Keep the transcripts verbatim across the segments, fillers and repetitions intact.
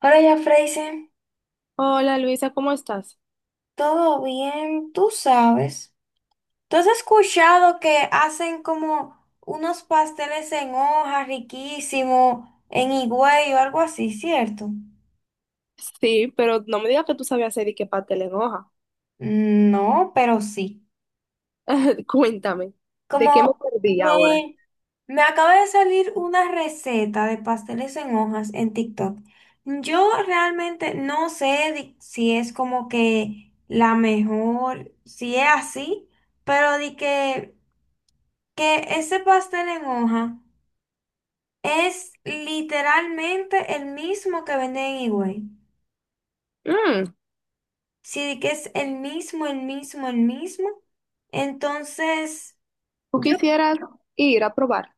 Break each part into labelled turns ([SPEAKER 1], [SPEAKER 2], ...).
[SPEAKER 1] Ahora ya, Freisen,
[SPEAKER 2] Hola Luisa, ¿cómo estás?
[SPEAKER 1] todo bien, tú sabes. ¿Tú has escuchado que hacen como unos pasteles en hoja riquísimos en Higüey o algo así, cierto?
[SPEAKER 2] Sí, pero no me digas que tú sabías hacer y que pastel en hoja.
[SPEAKER 1] Mm, No, pero sí.
[SPEAKER 2] Cuéntame, ¿de qué me
[SPEAKER 1] Como
[SPEAKER 2] perdí ahora?
[SPEAKER 1] me, Me acaba de salir una receta de pasteles en hojas en TikTok. Yo realmente no sé di- si es como que la mejor, si es así, pero di que... que ese pastel en hoja es literalmente el mismo que venden en Higüey.
[SPEAKER 2] Mm,
[SPEAKER 1] Sí, que es el mismo, el mismo, el mismo. Entonces,
[SPEAKER 2] ¿tú
[SPEAKER 1] yo,
[SPEAKER 2] quisieras ir a probar?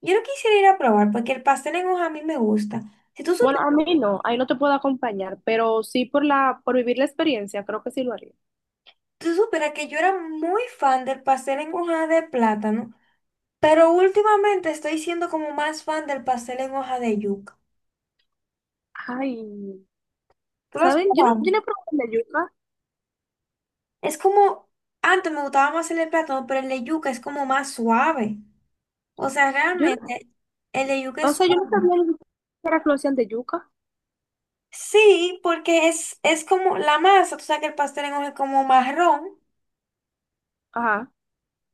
[SPEAKER 1] yo lo quisiera ir a probar porque el pastel en hoja a mí me gusta. Si tú
[SPEAKER 2] Bueno,
[SPEAKER 1] supieras,
[SPEAKER 2] a mí no, ahí no te puedo acompañar, pero sí por la, por vivir la experiencia, creo que sí lo haría.
[SPEAKER 1] tú supieras que yo era muy fan del pastel en hoja de plátano, pero últimamente estoy siendo como más fan del pastel en hoja de yuca.
[SPEAKER 2] Ay,
[SPEAKER 1] ¿Tú lo has
[SPEAKER 2] ¿sabes? Yo no,
[SPEAKER 1] probado?
[SPEAKER 2] yo no he probado el de yuca.
[SPEAKER 1] Es como, antes me gustaba más el de plátano, pero el de yuca es como más suave. O sea,
[SPEAKER 2] Yo no-
[SPEAKER 1] realmente el de yuca
[SPEAKER 2] O
[SPEAKER 1] es
[SPEAKER 2] sea, yo no
[SPEAKER 1] suave.
[SPEAKER 2] sabía ni siquiera que lo hacían de yuca.
[SPEAKER 1] Sí, porque es, es como la masa. Tú sabes que el pastel en hoja es como marrón,
[SPEAKER 2] Ajá.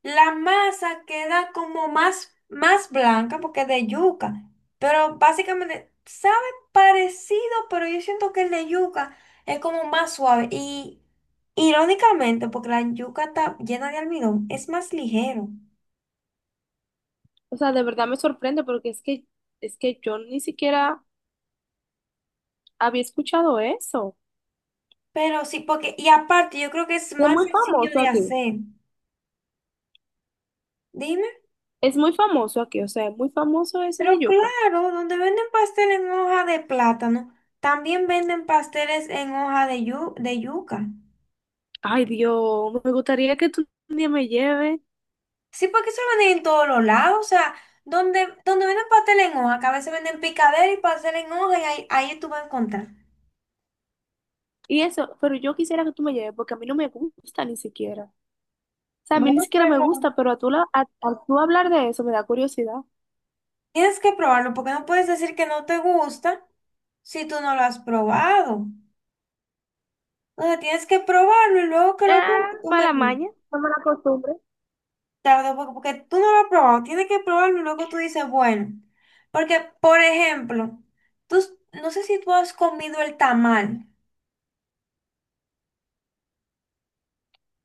[SPEAKER 1] la masa queda como más, más blanca porque es de yuca, pero básicamente sabe parecido, pero yo siento que el de yuca es como más suave y, irónicamente, porque la yuca está llena de almidón, es más ligero,
[SPEAKER 2] O sea, de verdad me sorprende porque es que, es que yo ni siquiera había escuchado eso.
[SPEAKER 1] pero sí, porque, y aparte, yo creo que es
[SPEAKER 2] Es
[SPEAKER 1] más
[SPEAKER 2] muy
[SPEAKER 1] sencillo
[SPEAKER 2] famoso
[SPEAKER 1] de
[SPEAKER 2] aquí.
[SPEAKER 1] hacer. Dime.
[SPEAKER 2] Es muy famoso aquí, o sea, es muy famoso ese de
[SPEAKER 1] Pero
[SPEAKER 2] yuca.
[SPEAKER 1] claro, donde venden pastel en hoja de plátano también venden pasteles en hoja de, yu- de yuca.
[SPEAKER 2] Ay, Dios, me gustaría que tú un día me lleves.
[SPEAKER 1] Sí, porque eso lo venden en todos los lados. O sea, donde, donde venden pastel en hoja, que a veces venden picadera y pastel en hoja, y ahí, ahí tú vas a encontrar.
[SPEAKER 2] Y eso, pero yo quisiera que tú me lleves porque a mí no me gusta ni siquiera. O sea, a mí
[SPEAKER 1] Bueno,
[SPEAKER 2] ni siquiera me
[SPEAKER 1] pero
[SPEAKER 2] gusta, pero a tú, la, a, a tú hablar de eso me da curiosidad.
[SPEAKER 1] tienes que probarlo, porque no puedes decir que no te gusta si tú no lo has probado. Entonces tienes que probarlo y luego que lo
[SPEAKER 2] Ah,
[SPEAKER 1] pruebes, tú me
[SPEAKER 2] mala
[SPEAKER 1] dices.
[SPEAKER 2] maña, no, mala costumbre.
[SPEAKER 1] Tarde, porque, porque tú no lo has probado, tienes que probarlo y luego tú dices, bueno, porque, por ejemplo, tú, s- no sé si tú has comido el tamal,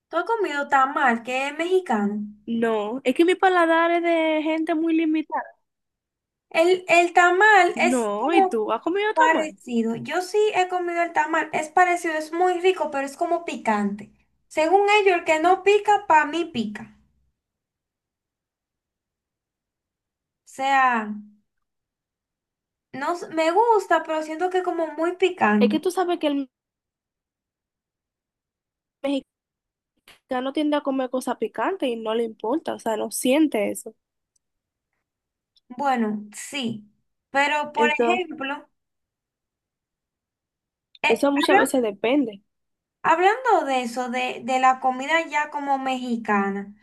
[SPEAKER 1] tú has comido tamal, que es mexicano.
[SPEAKER 2] No, es que mi paladar es de gente muy limitada.
[SPEAKER 1] El, el tamal es
[SPEAKER 2] No, ¿y
[SPEAKER 1] como
[SPEAKER 2] tú has comido tamal?
[SPEAKER 1] parecido. Yo sí he comido el tamal, es parecido, es muy rico, pero es como picante. Según ellos, el que no pica, para mí pica. O sea, no, s- me gusta, pero siento que es como muy
[SPEAKER 2] Es
[SPEAKER 1] picante.
[SPEAKER 2] que tú sabes que el mexicano tiende a comer cosas picantes y no le importa, o sea, no siente eso.
[SPEAKER 1] Bueno, sí, pero por
[SPEAKER 2] Entonces,
[SPEAKER 1] ejemplo... Eh,
[SPEAKER 2] eso muchas veces
[SPEAKER 1] hablan-
[SPEAKER 2] depende.
[SPEAKER 1] Hablando de eso, de, de la comida ya como mexicana,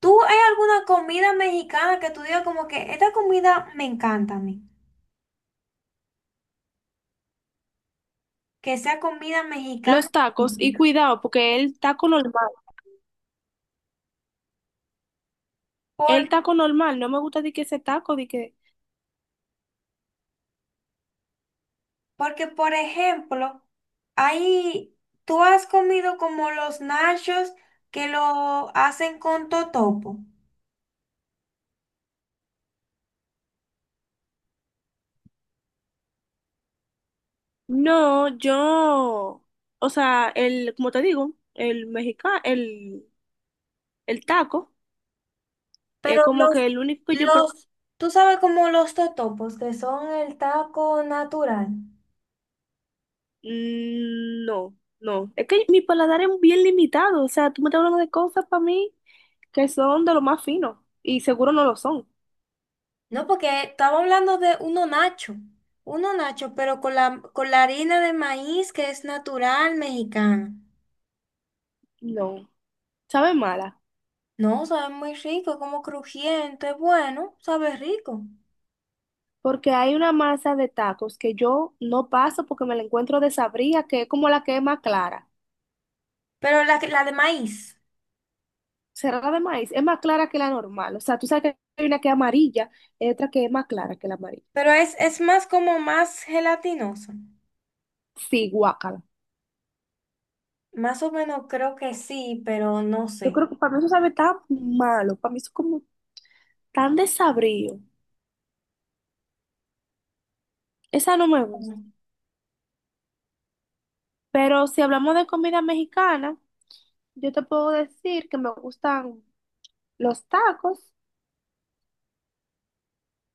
[SPEAKER 1] ¿tú hay alguna comida mexicana que tú digas como que esta comida me encanta a mí? Que sea comida mexicana.
[SPEAKER 2] Los tacos, y cuidado, porque el taco normal, el
[SPEAKER 1] Por,
[SPEAKER 2] taco normal, no me gusta de que ese taco, de que,
[SPEAKER 1] Porque, por ejemplo, ahí, tú has comido como los nachos que lo hacen con totopo,
[SPEAKER 2] no, yo, o sea, el, como te digo, el mexicano, el, el taco, es
[SPEAKER 1] pero
[SPEAKER 2] como
[SPEAKER 1] los,
[SPEAKER 2] que el único que yo, pro-
[SPEAKER 1] los, tú sabes, como los totopos, que son el taco natural.
[SPEAKER 2] mm, no, no, es que mi paladar es bien limitado, o sea, tú me estás hablando de cosas para mí que son de lo más fino, y seguro no lo son,
[SPEAKER 1] No, porque estaba hablando de uno nacho, uno nacho, pero con la, con la harina de maíz, que es natural mexicana.
[SPEAKER 2] no, sabe mala.
[SPEAKER 1] No, sabe muy rico, como crujiente, bueno, sabe rico.
[SPEAKER 2] Porque hay una masa de tacos que yo no paso porque me la encuentro de sabría, que es como la que es más clara.
[SPEAKER 1] Pero la, que- la de maíz,
[SPEAKER 2] Cerrada de maíz, es más clara que la normal. O sea, tú sabes que hay una que es amarilla y otra que es más clara que la amarilla.
[SPEAKER 1] pero es, es más como más gelatinosa.
[SPEAKER 2] Sí, guácala.
[SPEAKER 1] Más o menos creo que sí, pero no
[SPEAKER 2] Yo
[SPEAKER 1] sé.
[SPEAKER 2] creo que para mí eso sabe tan malo, para mí eso es como tan desabrido. Esa no me gusta.
[SPEAKER 1] Mm.
[SPEAKER 2] Pero si hablamos de comida mexicana, yo te puedo decir que me gustan los tacos,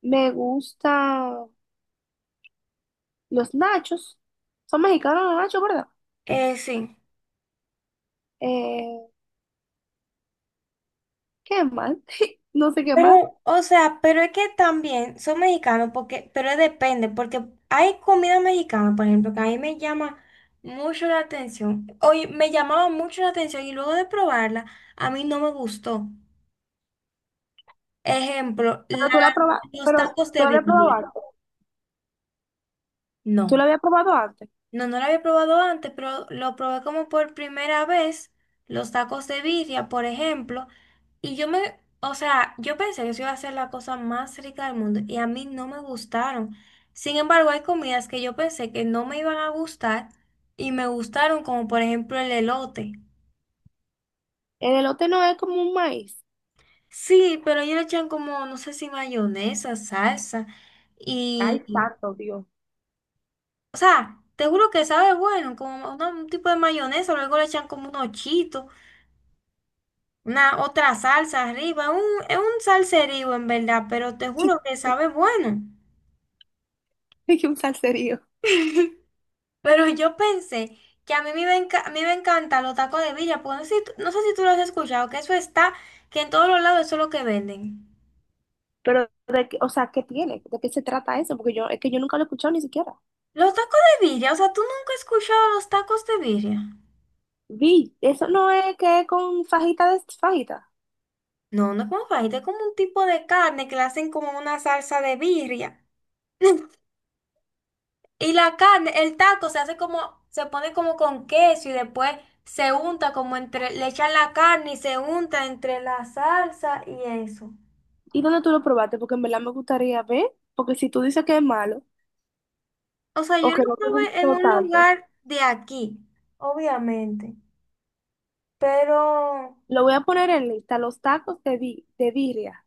[SPEAKER 2] me gustan los nachos. Son mexicanos los nachos, ¿verdad?
[SPEAKER 1] Eh, sí.
[SPEAKER 2] Eh, ¿Qué más? No sé qué
[SPEAKER 1] Pero,
[SPEAKER 2] más.
[SPEAKER 1] o sea, pero es que también son mexicanos, porque, pero depende, porque hay comida mexicana, por ejemplo, que a mí me llama mucho la atención. Hoy me llamaba mucho la atención y luego de probarla, a mí no me gustó. Ejemplo, la-
[SPEAKER 2] Pero tú la probaste,
[SPEAKER 1] los
[SPEAKER 2] pero
[SPEAKER 1] tacos
[SPEAKER 2] tú
[SPEAKER 1] de
[SPEAKER 2] la habías probado
[SPEAKER 1] birria.
[SPEAKER 2] antes. Tú
[SPEAKER 1] No.
[SPEAKER 2] la habías probado antes.
[SPEAKER 1] No, no lo había probado antes, pero lo probé como por primera vez, los tacos de birria, por ejemplo, y yo me, o sea, yo pensé que eso iba a ser la cosa más rica del mundo y a mí no me gustaron. Sin embargo, hay comidas que yo pensé que no me iban a gustar y me gustaron, como por ejemplo el elote.
[SPEAKER 2] El elote no es como un maíz.
[SPEAKER 1] Sí, pero ellos le echan como, no sé si mayonesa, salsa
[SPEAKER 2] Ay,
[SPEAKER 1] y, y-
[SPEAKER 2] santo Dios.
[SPEAKER 1] o sea, te juro que sabe bueno, como una- un tipo de mayonesa. Luego le echan como unos chitos, una otra salsa arriba. Un, es un salserío en verdad, pero te juro que sabe bueno.
[SPEAKER 2] Es un salserío.
[SPEAKER 1] Pero yo pensé que a mí me iba a, enca- me iba a encantar los tacos de villa, porque no sé, si tú- no sé si tú lo has escuchado, que eso está, que en todos los lados eso es lo que venden.
[SPEAKER 2] Pero, de, qué- o sea, ¿qué tiene? ¿De qué se trata eso? Porque yo, es que yo nunca lo he escuchado ni siquiera.
[SPEAKER 1] Los tacos de birria, o sea, tú nunca has escuchado los tacos de birria.
[SPEAKER 2] Vi, eso no es que es con fajita de fajita.
[SPEAKER 1] No, no es como fajita, es como un tipo de carne que le hacen como una salsa de birria. Y la carne, el taco se hace como, se pone como con queso y después se unta como entre, le echan la carne y se unta entre la salsa y eso.
[SPEAKER 2] ¿Y dónde tú lo probaste? Porque en verdad me gustaría ver. Porque si tú dices que es malo
[SPEAKER 1] O sea,
[SPEAKER 2] o
[SPEAKER 1] yo
[SPEAKER 2] que
[SPEAKER 1] lo
[SPEAKER 2] no te
[SPEAKER 1] probé en
[SPEAKER 2] gustó
[SPEAKER 1] un
[SPEAKER 2] tanto,
[SPEAKER 1] lugar de aquí, obviamente, pero,
[SPEAKER 2] lo voy a poner en lista, los tacos de, bi- de birria.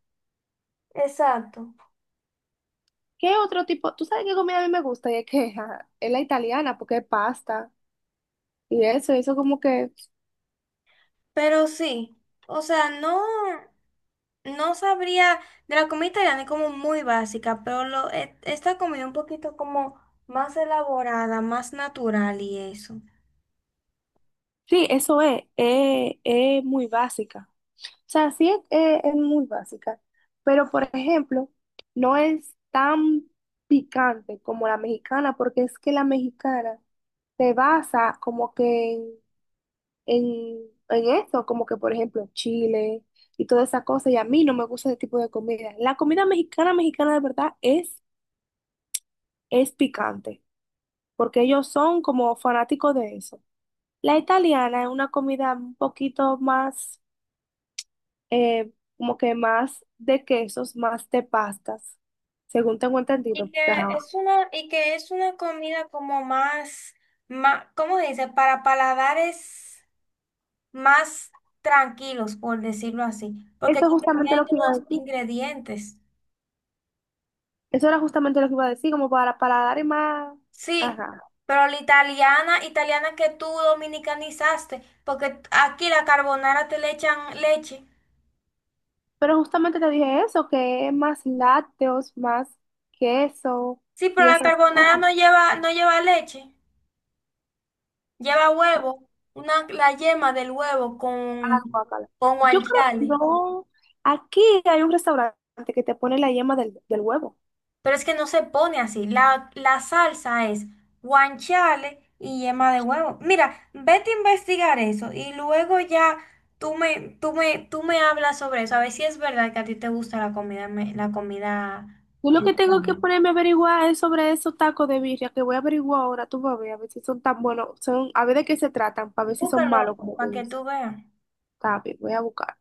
[SPEAKER 1] exacto,
[SPEAKER 2] ¿Qué otro tipo? ¿Tú sabes qué comida a mí me gusta? Y es que ajá, es la italiana, porque es pasta y eso, eso como que,
[SPEAKER 1] pero sí, o sea, no, no sabría, de la comida italiana es como muy básica, pero lo, e- esta comida un poquito como más elaborada, más natural y eso.
[SPEAKER 2] sí, eso es, es, es muy básica. O sea, sí es, es- es muy básica, pero por ejemplo, no es tan picante como la mexicana, porque es que la mexicana se basa como que en, en, en eso, como que por ejemplo chile y toda esa cosa, y a mí no me gusta ese tipo de comida. La comida mexicana, mexicana de verdad es es picante, porque ellos son como fanáticos de eso. La italiana es una comida un poquito más, eh, como que más de quesos, más de pastas, según tengo entendido,
[SPEAKER 1] Y
[SPEAKER 2] porque,
[SPEAKER 1] que
[SPEAKER 2] ajá,
[SPEAKER 1] es una, y que es una comida como más, más, ¿cómo se dice? Para paladares más tranquilos, por decirlo así, porque
[SPEAKER 2] eso es
[SPEAKER 1] tiene
[SPEAKER 2] justamente lo que iba a
[SPEAKER 1] menos
[SPEAKER 2] decir.
[SPEAKER 1] ingredientes.
[SPEAKER 2] Eso era justamente lo que iba a decir, como para, para dar más.
[SPEAKER 1] Sí,
[SPEAKER 2] Ajá.
[SPEAKER 1] pero la italiana, italiana que tú dominicanizaste, porque aquí la carbonara te le echan leche.
[SPEAKER 2] Pero justamente te dije eso, que es más lácteos, más queso
[SPEAKER 1] Sí, pero
[SPEAKER 2] y
[SPEAKER 1] la
[SPEAKER 2] eso.
[SPEAKER 1] carbonara no lleva, no lleva leche, lleva huevo, una, la yema del huevo
[SPEAKER 2] Ah,
[SPEAKER 1] con,
[SPEAKER 2] guacala.
[SPEAKER 1] con
[SPEAKER 2] Yo creo,
[SPEAKER 1] guanciale.
[SPEAKER 2] no, aquí hay un restaurante que te pone la yema del, del huevo.
[SPEAKER 1] Pero es que no se pone así. La, la salsa es guanciale y yema de huevo. Mira, vete a investigar eso y luego ya tú me, tú me, tú me hablas sobre eso. A ver si es verdad que a ti te gusta la comida, me- la comida,
[SPEAKER 2] Yo lo
[SPEAKER 1] eh,
[SPEAKER 2] que tengo que
[SPEAKER 1] italiana.
[SPEAKER 2] ponerme a averiguar es sobre esos tacos de birria que voy a averiguar ahora, tú vas a ver, a ver si son tan buenos, son, a ver de qué se tratan, para ver si son
[SPEAKER 1] Búscalo
[SPEAKER 2] malos como
[SPEAKER 1] para
[SPEAKER 2] tú
[SPEAKER 1] que
[SPEAKER 2] dices.
[SPEAKER 1] tú veas.
[SPEAKER 2] Está bien, voy a buscar.